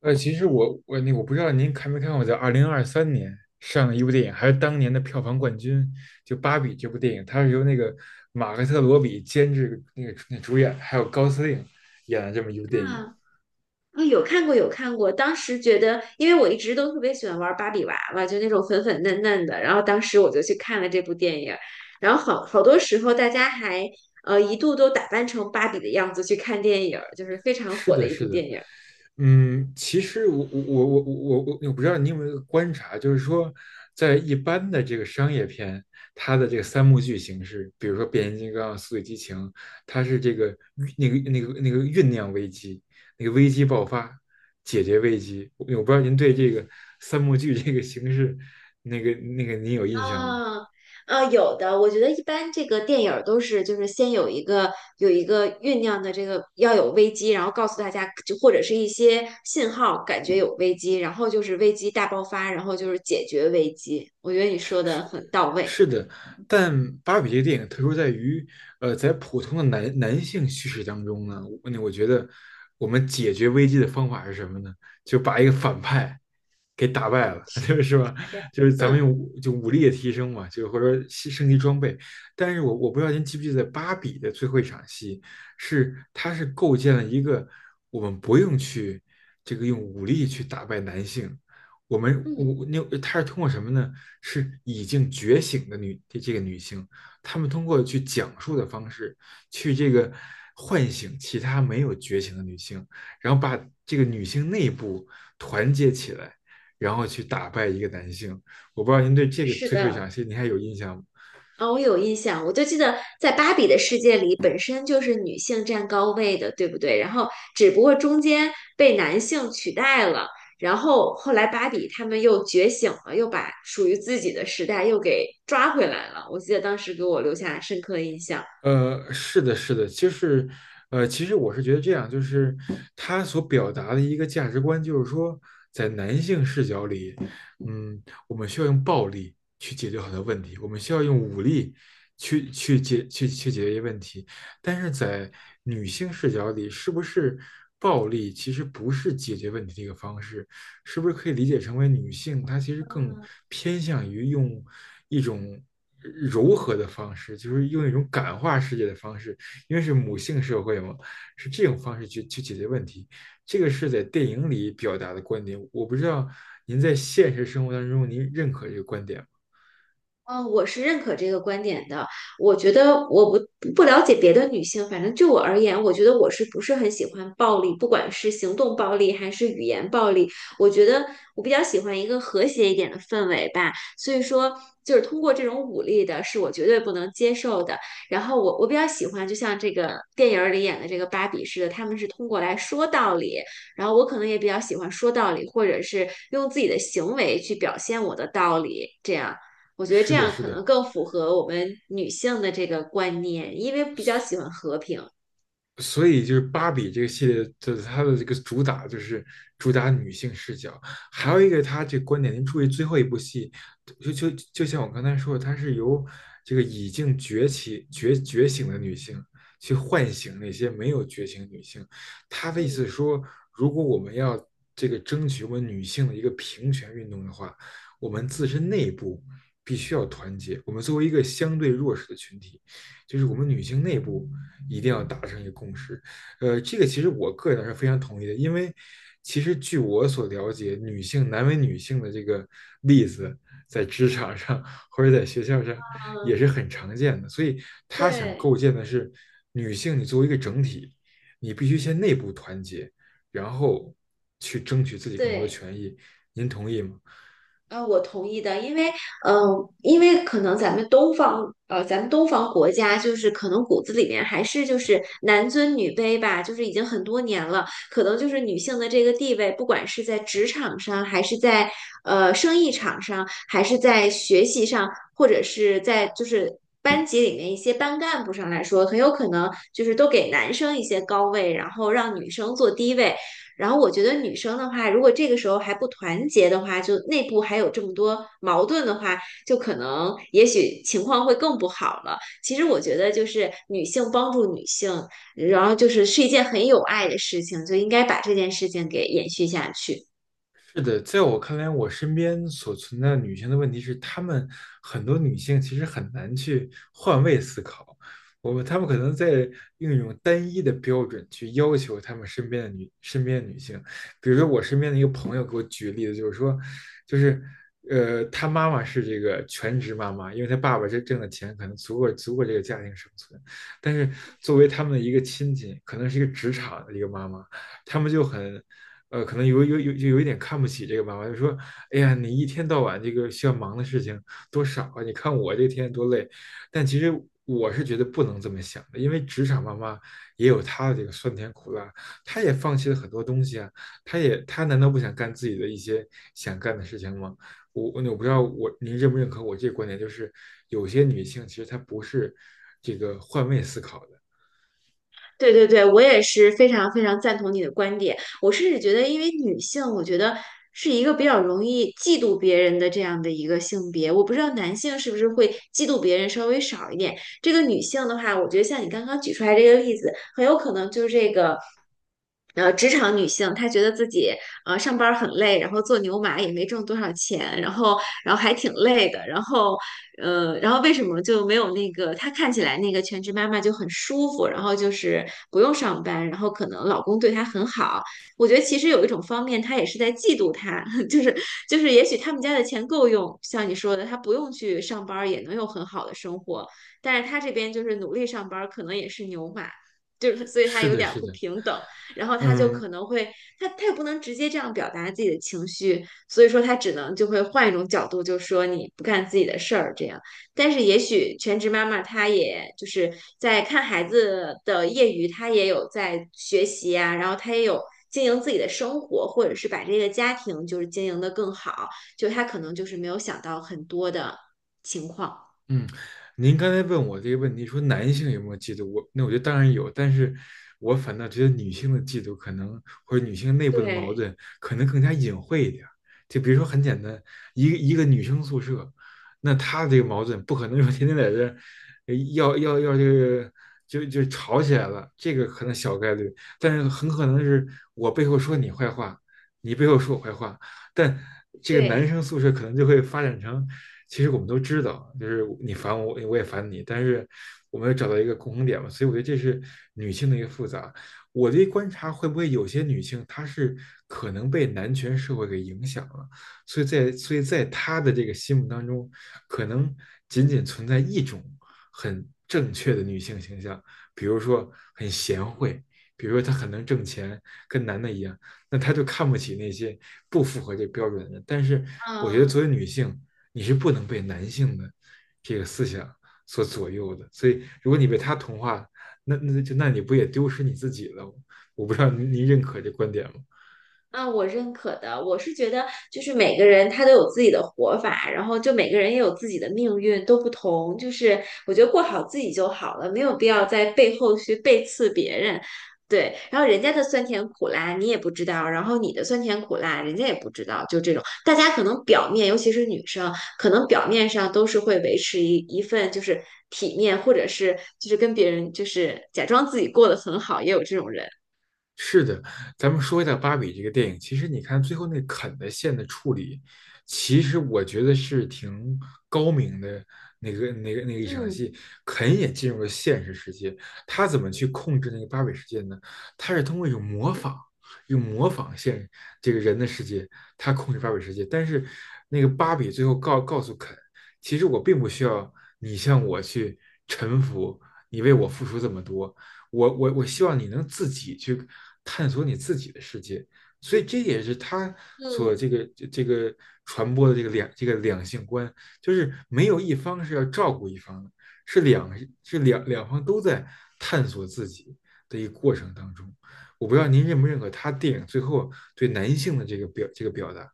其实我不知道您看没看过，在二零二三年上的一部电影，还是当年的票房冠军，就《芭比》这部电影，它是由那个马克特罗比监制，那主演，还有高司令演的这么一部电影。啊，啊有看过，有看过。当时觉得，因为我一直都特别喜欢玩芭比娃娃，就那种粉粉嫩嫩的。然后当时我就去看了这部电影，然后好多时候大家还一度都打扮成芭比的样子去看电影，就是非常是火的的，一是部的。电影。其实我不知道你有没有观察，就是说，在一般的这个商业片，它的这个三幕剧形式，比如说《变形金刚》《速度与激情》，它是这个那个酝酿危机，那个危机爆发，解决危机。我不知道您对这个三幕剧这个形式，您有印象吗？啊啊，有的，我觉得一般这个电影儿都是就是先有一个有一个酝酿的这个要有危机，然后告诉大家就或者是一些信号，感觉有危机，然后就是危机大爆发，然后就是解决危机。我觉得你说的很到位。是的。但芭比这个电影特殊在于，在普通的男性叙事当中呢，我觉得我们解决危机的方法是什么呢？就把一个反派给打败了，就是吧？代表就是咱们嗯用武力的提升嘛，就或者说升级装备。但是我不知道您记不记得芭比的最后一场戏，是它是构建了一个我们不用去这个用武力去打败男性，我们嗯，我那她是通过什么呢？是已经觉醒的女这这个女性，她们通过去讲述的方式，去这个唤醒其他没有觉醒的女性，然后把这个女性内部团结起来，然后去打败一个男性。我不知道您对这个是最后一的。场戏您还有印象吗？啊、我有印象，我就记得在芭比的世界里，本身就是女性占高位的，对不对？然后只不过中间被男性取代了，然后后来芭比他们又觉醒了，又把属于自己的时代又给抓回来了。我记得当时给我留下深刻印象。是的，是的，就是，其实我是觉得这样，就是他所表达的一个价值观，就是说，在男性视角里，嗯，我们需要用暴力去解决很多问题，我们需要用武力去去解去去解决一些问题，但是在女性视角里，是不是暴力其实不是解决问题的一个方式？是不是可以理解成为女性她其实更偏向于用一种柔和的方式，就是用一种感化世界的方式，因为是母性社会嘛，是这种方式去解决问题。这个是在电影里表达的观点，我不知道您在现实生活当中您认可这个观点吗？嗯，我是认可这个观点的。我觉得我不不了解别的女性，反正就我而言，我觉得我是不是很喜欢暴力，不管是行动暴力还是语言暴力，我觉得我比较喜欢一个和谐一点的氛围吧。所以说，就是通过这种武力的，是我绝对不能接受的。然后我比较喜欢，就像这个电影儿里演的这个芭比似的，他们是通过来说道理，然后我可能也比较喜欢说道理，或者是用自己的行为去表现我的道理，这样。我觉得是这的，样是可的。能更符合我们女性的这个观念，因为比较喜欢和平。所以就是芭比这个系列的它的这个主打女性视角，还有一个它这个观点，您注意最后一部戏，就就就像我刚才说的，它是由这个已经崛起觉醒的女性去唤醒那些没有觉醒女性。他的意嗯思是说，如果我们要这个争取我们女性的一个平权运动的话，我们自身内部必须要团结。我们作为一个相对弱势的群体，就是我们女性内部。一定要达成一个共识。这个其实我个人是非常同意的，因为其实据我所了解，女性难为女性的这个例子，在职场上或者在学校上也嗯，是很常见的。所以他想对构建的是，女性你作为一个整体，你必须先内部团结，然后去争取自己更多对。权益。您同意吗？我同意的，因为，嗯、因为可能咱们东方，咱们东方国家就是可能骨子里面还是就是男尊女卑吧，就是已经很多年了，可能就是女性的这个地位，不管是在职场上，还是在生意场上，还是在学习上，或者是在就是班级里面一些班干部上来说，很有可能就是都给男生一些高位，然后让女生做低位。然后我觉得女生的话，如果这个时候还不团结的话，就内部还有这么多矛盾的话，就可能也许情况会更不好了。其实我觉得就是女性帮助女性，然后就是一件很有爱的事情，就应该把这件事情给延续下去。是的，在我看来，我身边所存在的女性的问题是，很多女性其实很难去换位思考，她们可能在用一种单一的标准去要求她们身边的女性。比如说，我身边的一个朋友给我举例子，就是说，就是她妈妈是这个全职妈妈，因为她爸爸这挣的钱可能足够这个家庭生存，但是作为他们的一个亲戚，可能是一个职场的一个妈妈，他们就很可能有一点看不起这个妈妈，就说：“哎呀，你一天到晚这个需要忙的事情多少啊？你看我这天多累。”但其实我是觉得不能这么想的，因为职场妈妈也有她的这个酸甜苦辣，她也放弃了很多东西啊。她难道不想干自己的一些想干的事情吗？我不知道您认不认可我这个观点，就是有些女性其实她不是这个换位思考的。对对对，我也是非常非常赞同你的观点。我甚至觉得，因为女性，我觉得是一个比较容易嫉妒别人的这样的一个性别。我不知道男性是不是会嫉妒别人稍微少一点。这个女性的话，我觉得像你刚刚举出来这个例子，很有可能就是这个。职场女性她觉得自己上班儿很累，然后做牛马也没挣多少钱，然后还挺累的，然后然后为什么就没有那个她看起来那个全职妈妈就很舒服，然后就是不用上班，然后可能老公对她很好。我觉得其实有一种方面，她也是在嫉妒她，就是也许他们家的钱够用，像你说的，她不用去上班儿也能有很好的生活，但是她这边就是努力上班儿，可能也是牛马。就是所以她是有的，点儿是不的。平等，然后她就可嗯，能会，她也不能直接这样表达自己的情绪，所以说他只能就会换一种角度，就说你不干自己的事儿这样。但是也许全职妈妈她也就是在看孩子的业余，她也有在学习啊，然后她也有经营自己的生活，或者是把这个家庭就是经营的更好，就她可能就是没有想到很多的情况。嗯，您刚才问我这个问题，说男性有没有嫉妒？我觉得当然有，但是我反倒觉得女性的嫉妒可能或者女性内部的矛对盾可能更加隐晦一点儿。就比如说很简单，一个女生宿舍，那她这个矛盾不可能说天天在这儿呃要要要这个就就吵起来了，这个可能小概率，但是很可能是我背后说你坏话，你背后说我坏话，但这个男对，生宿舍可能就会发展成，其实我们都知道，就是你烦我，我也烦你，但是我们要找到一个共同点嘛，所以我觉得这是女性的一个复杂。我的观察会不会有些女性她是可能被男权社会给影响了，所以在她的这个心目当中，可能仅仅存在一种很正确的女性形象，比如说很贤惠，比如说她很能挣钱，跟男的一样。那他就看不起那些不符合这标准的人。但是我觉得作嗯。为女性，你是不能被男性的这个思想所左右的。所以如果你被他同化，那你不也丢失你自己了。我不知道您认可这观点吗？啊，我认可的。我是觉得，就是每个人他都有自己的活法，然后就每个人也有自己的命运，都不同。就是我觉得过好自己就好了，没有必要在背后去背刺别人。对，然后人家的酸甜苦辣你也不知道，然后你的酸甜苦辣人家也不知道，就这种，大家可能表面，尤其是女生，可能表面上都是会维持一份就是体面，或者是就是跟别人就是假装自己过得很好，也有这种人。是的。咱们说一下《芭比》这个电影。其实你看最后那肯的线的处理，其实我觉得是挺高明的。那个一场嗯戏，肯也进入了现实世界，他怎么去控制那个芭比世界呢？他是通过一种模仿，用模仿这个人的世界，他控制芭比世界。但是那个芭比最后告诉肯，其实我并不需要你向我去臣服，你为我付出这么多。我希望你能自己去探索你自己的世界。所以这也是他所嗯。这个这个传播的这个两性观，就是没有一方是要照顾一方的，是两是两方都在探索自己的一个过程当中。我不知道您认不认可他电影最后对男性的这个表达。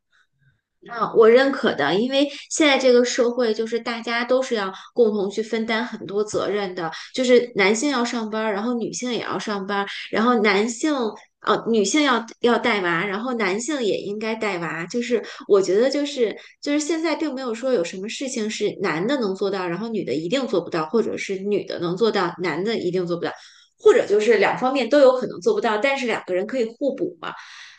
啊，我认可的，因为现在这个社会就是大家都是要共同去分担很多责任的，就是男性要上班儿，然后女性也要上班儿，然后男性女性要带娃，然后男性也应该带娃。就是我觉得就是现在并没有说有什么事情是男的能做到，然后女的一定做不到，或者是女的能做到，男的一定做不到，或者就是两方面都有可能做不到，但是两个人可以互补嘛。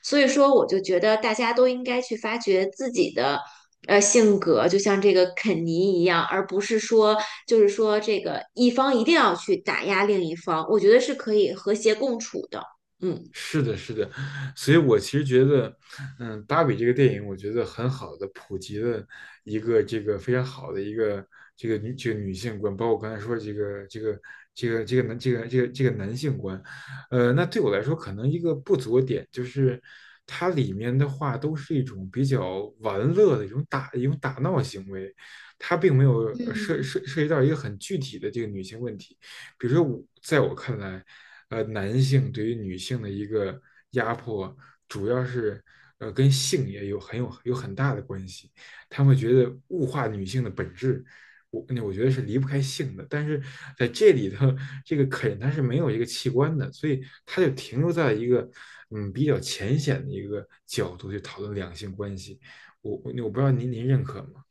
所以说，我就觉得大家都应该去发掘自己的性格，就像这个肯尼一样，而不是说就是说这个一方一定要去打压另一方，我觉得是可以和谐共处的。嗯。是的，是的。所以我其实觉得，芭比这个电影，我觉得很好的普及了一个这个非常好的一个这个女性观，包括我刚才说这个这个这个这个男这个这个这个男性观，那对我来说可能一个不足的点就是，它里面的话都是一种比较玩乐的一种打闹行为，它并没有呃涉嗯，涉涉及到一个很具体的这个女性问题。比如说我，在我看来，男性对于女性的一个压迫，主要是跟性也有很有有很大的关系。他们觉得物化女性的本质，我觉得是离不开性的。但是在这里头，这个肯它是没有一个器官的，所以它就停留在一个比较浅显的一个角度去讨论两性关系。我不知道您认可吗？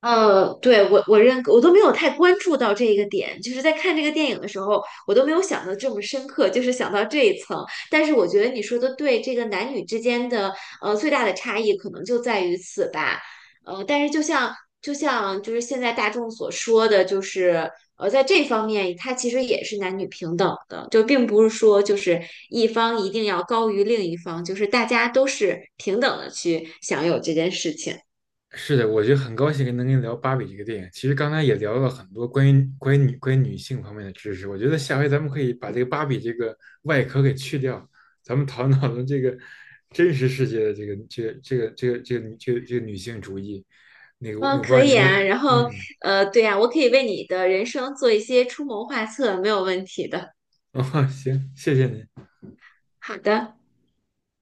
对，我认可，我都没有太关注到这一个点，就是在看这个电影的时候，我都没有想到这么深刻，就是想到这一层。但是我觉得你说的对，这个男女之间的最大的差异可能就在于此吧。但是就像就是现在大众所说的，就是在这方面，它其实也是男女平等的，就并不是说就是一方一定要高于另一方，就是大家都是平等的去享有这件事情。是的，我觉得很高兴能跟你聊《芭比》这个电影。其实刚才也聊了很多关于女性方面的知识。我觉得下回咱们可以把这个芭比这个外壳给去掉，咱们讨论讨论这个真实世界的这个这个这个这个这个女这个这个女性主义。我嗯，不知可道以您会，啊。然后，嗯 对呀，我可以为你的人生做一些出谋划策，没有问题的。哦，行，谢谢您。好的。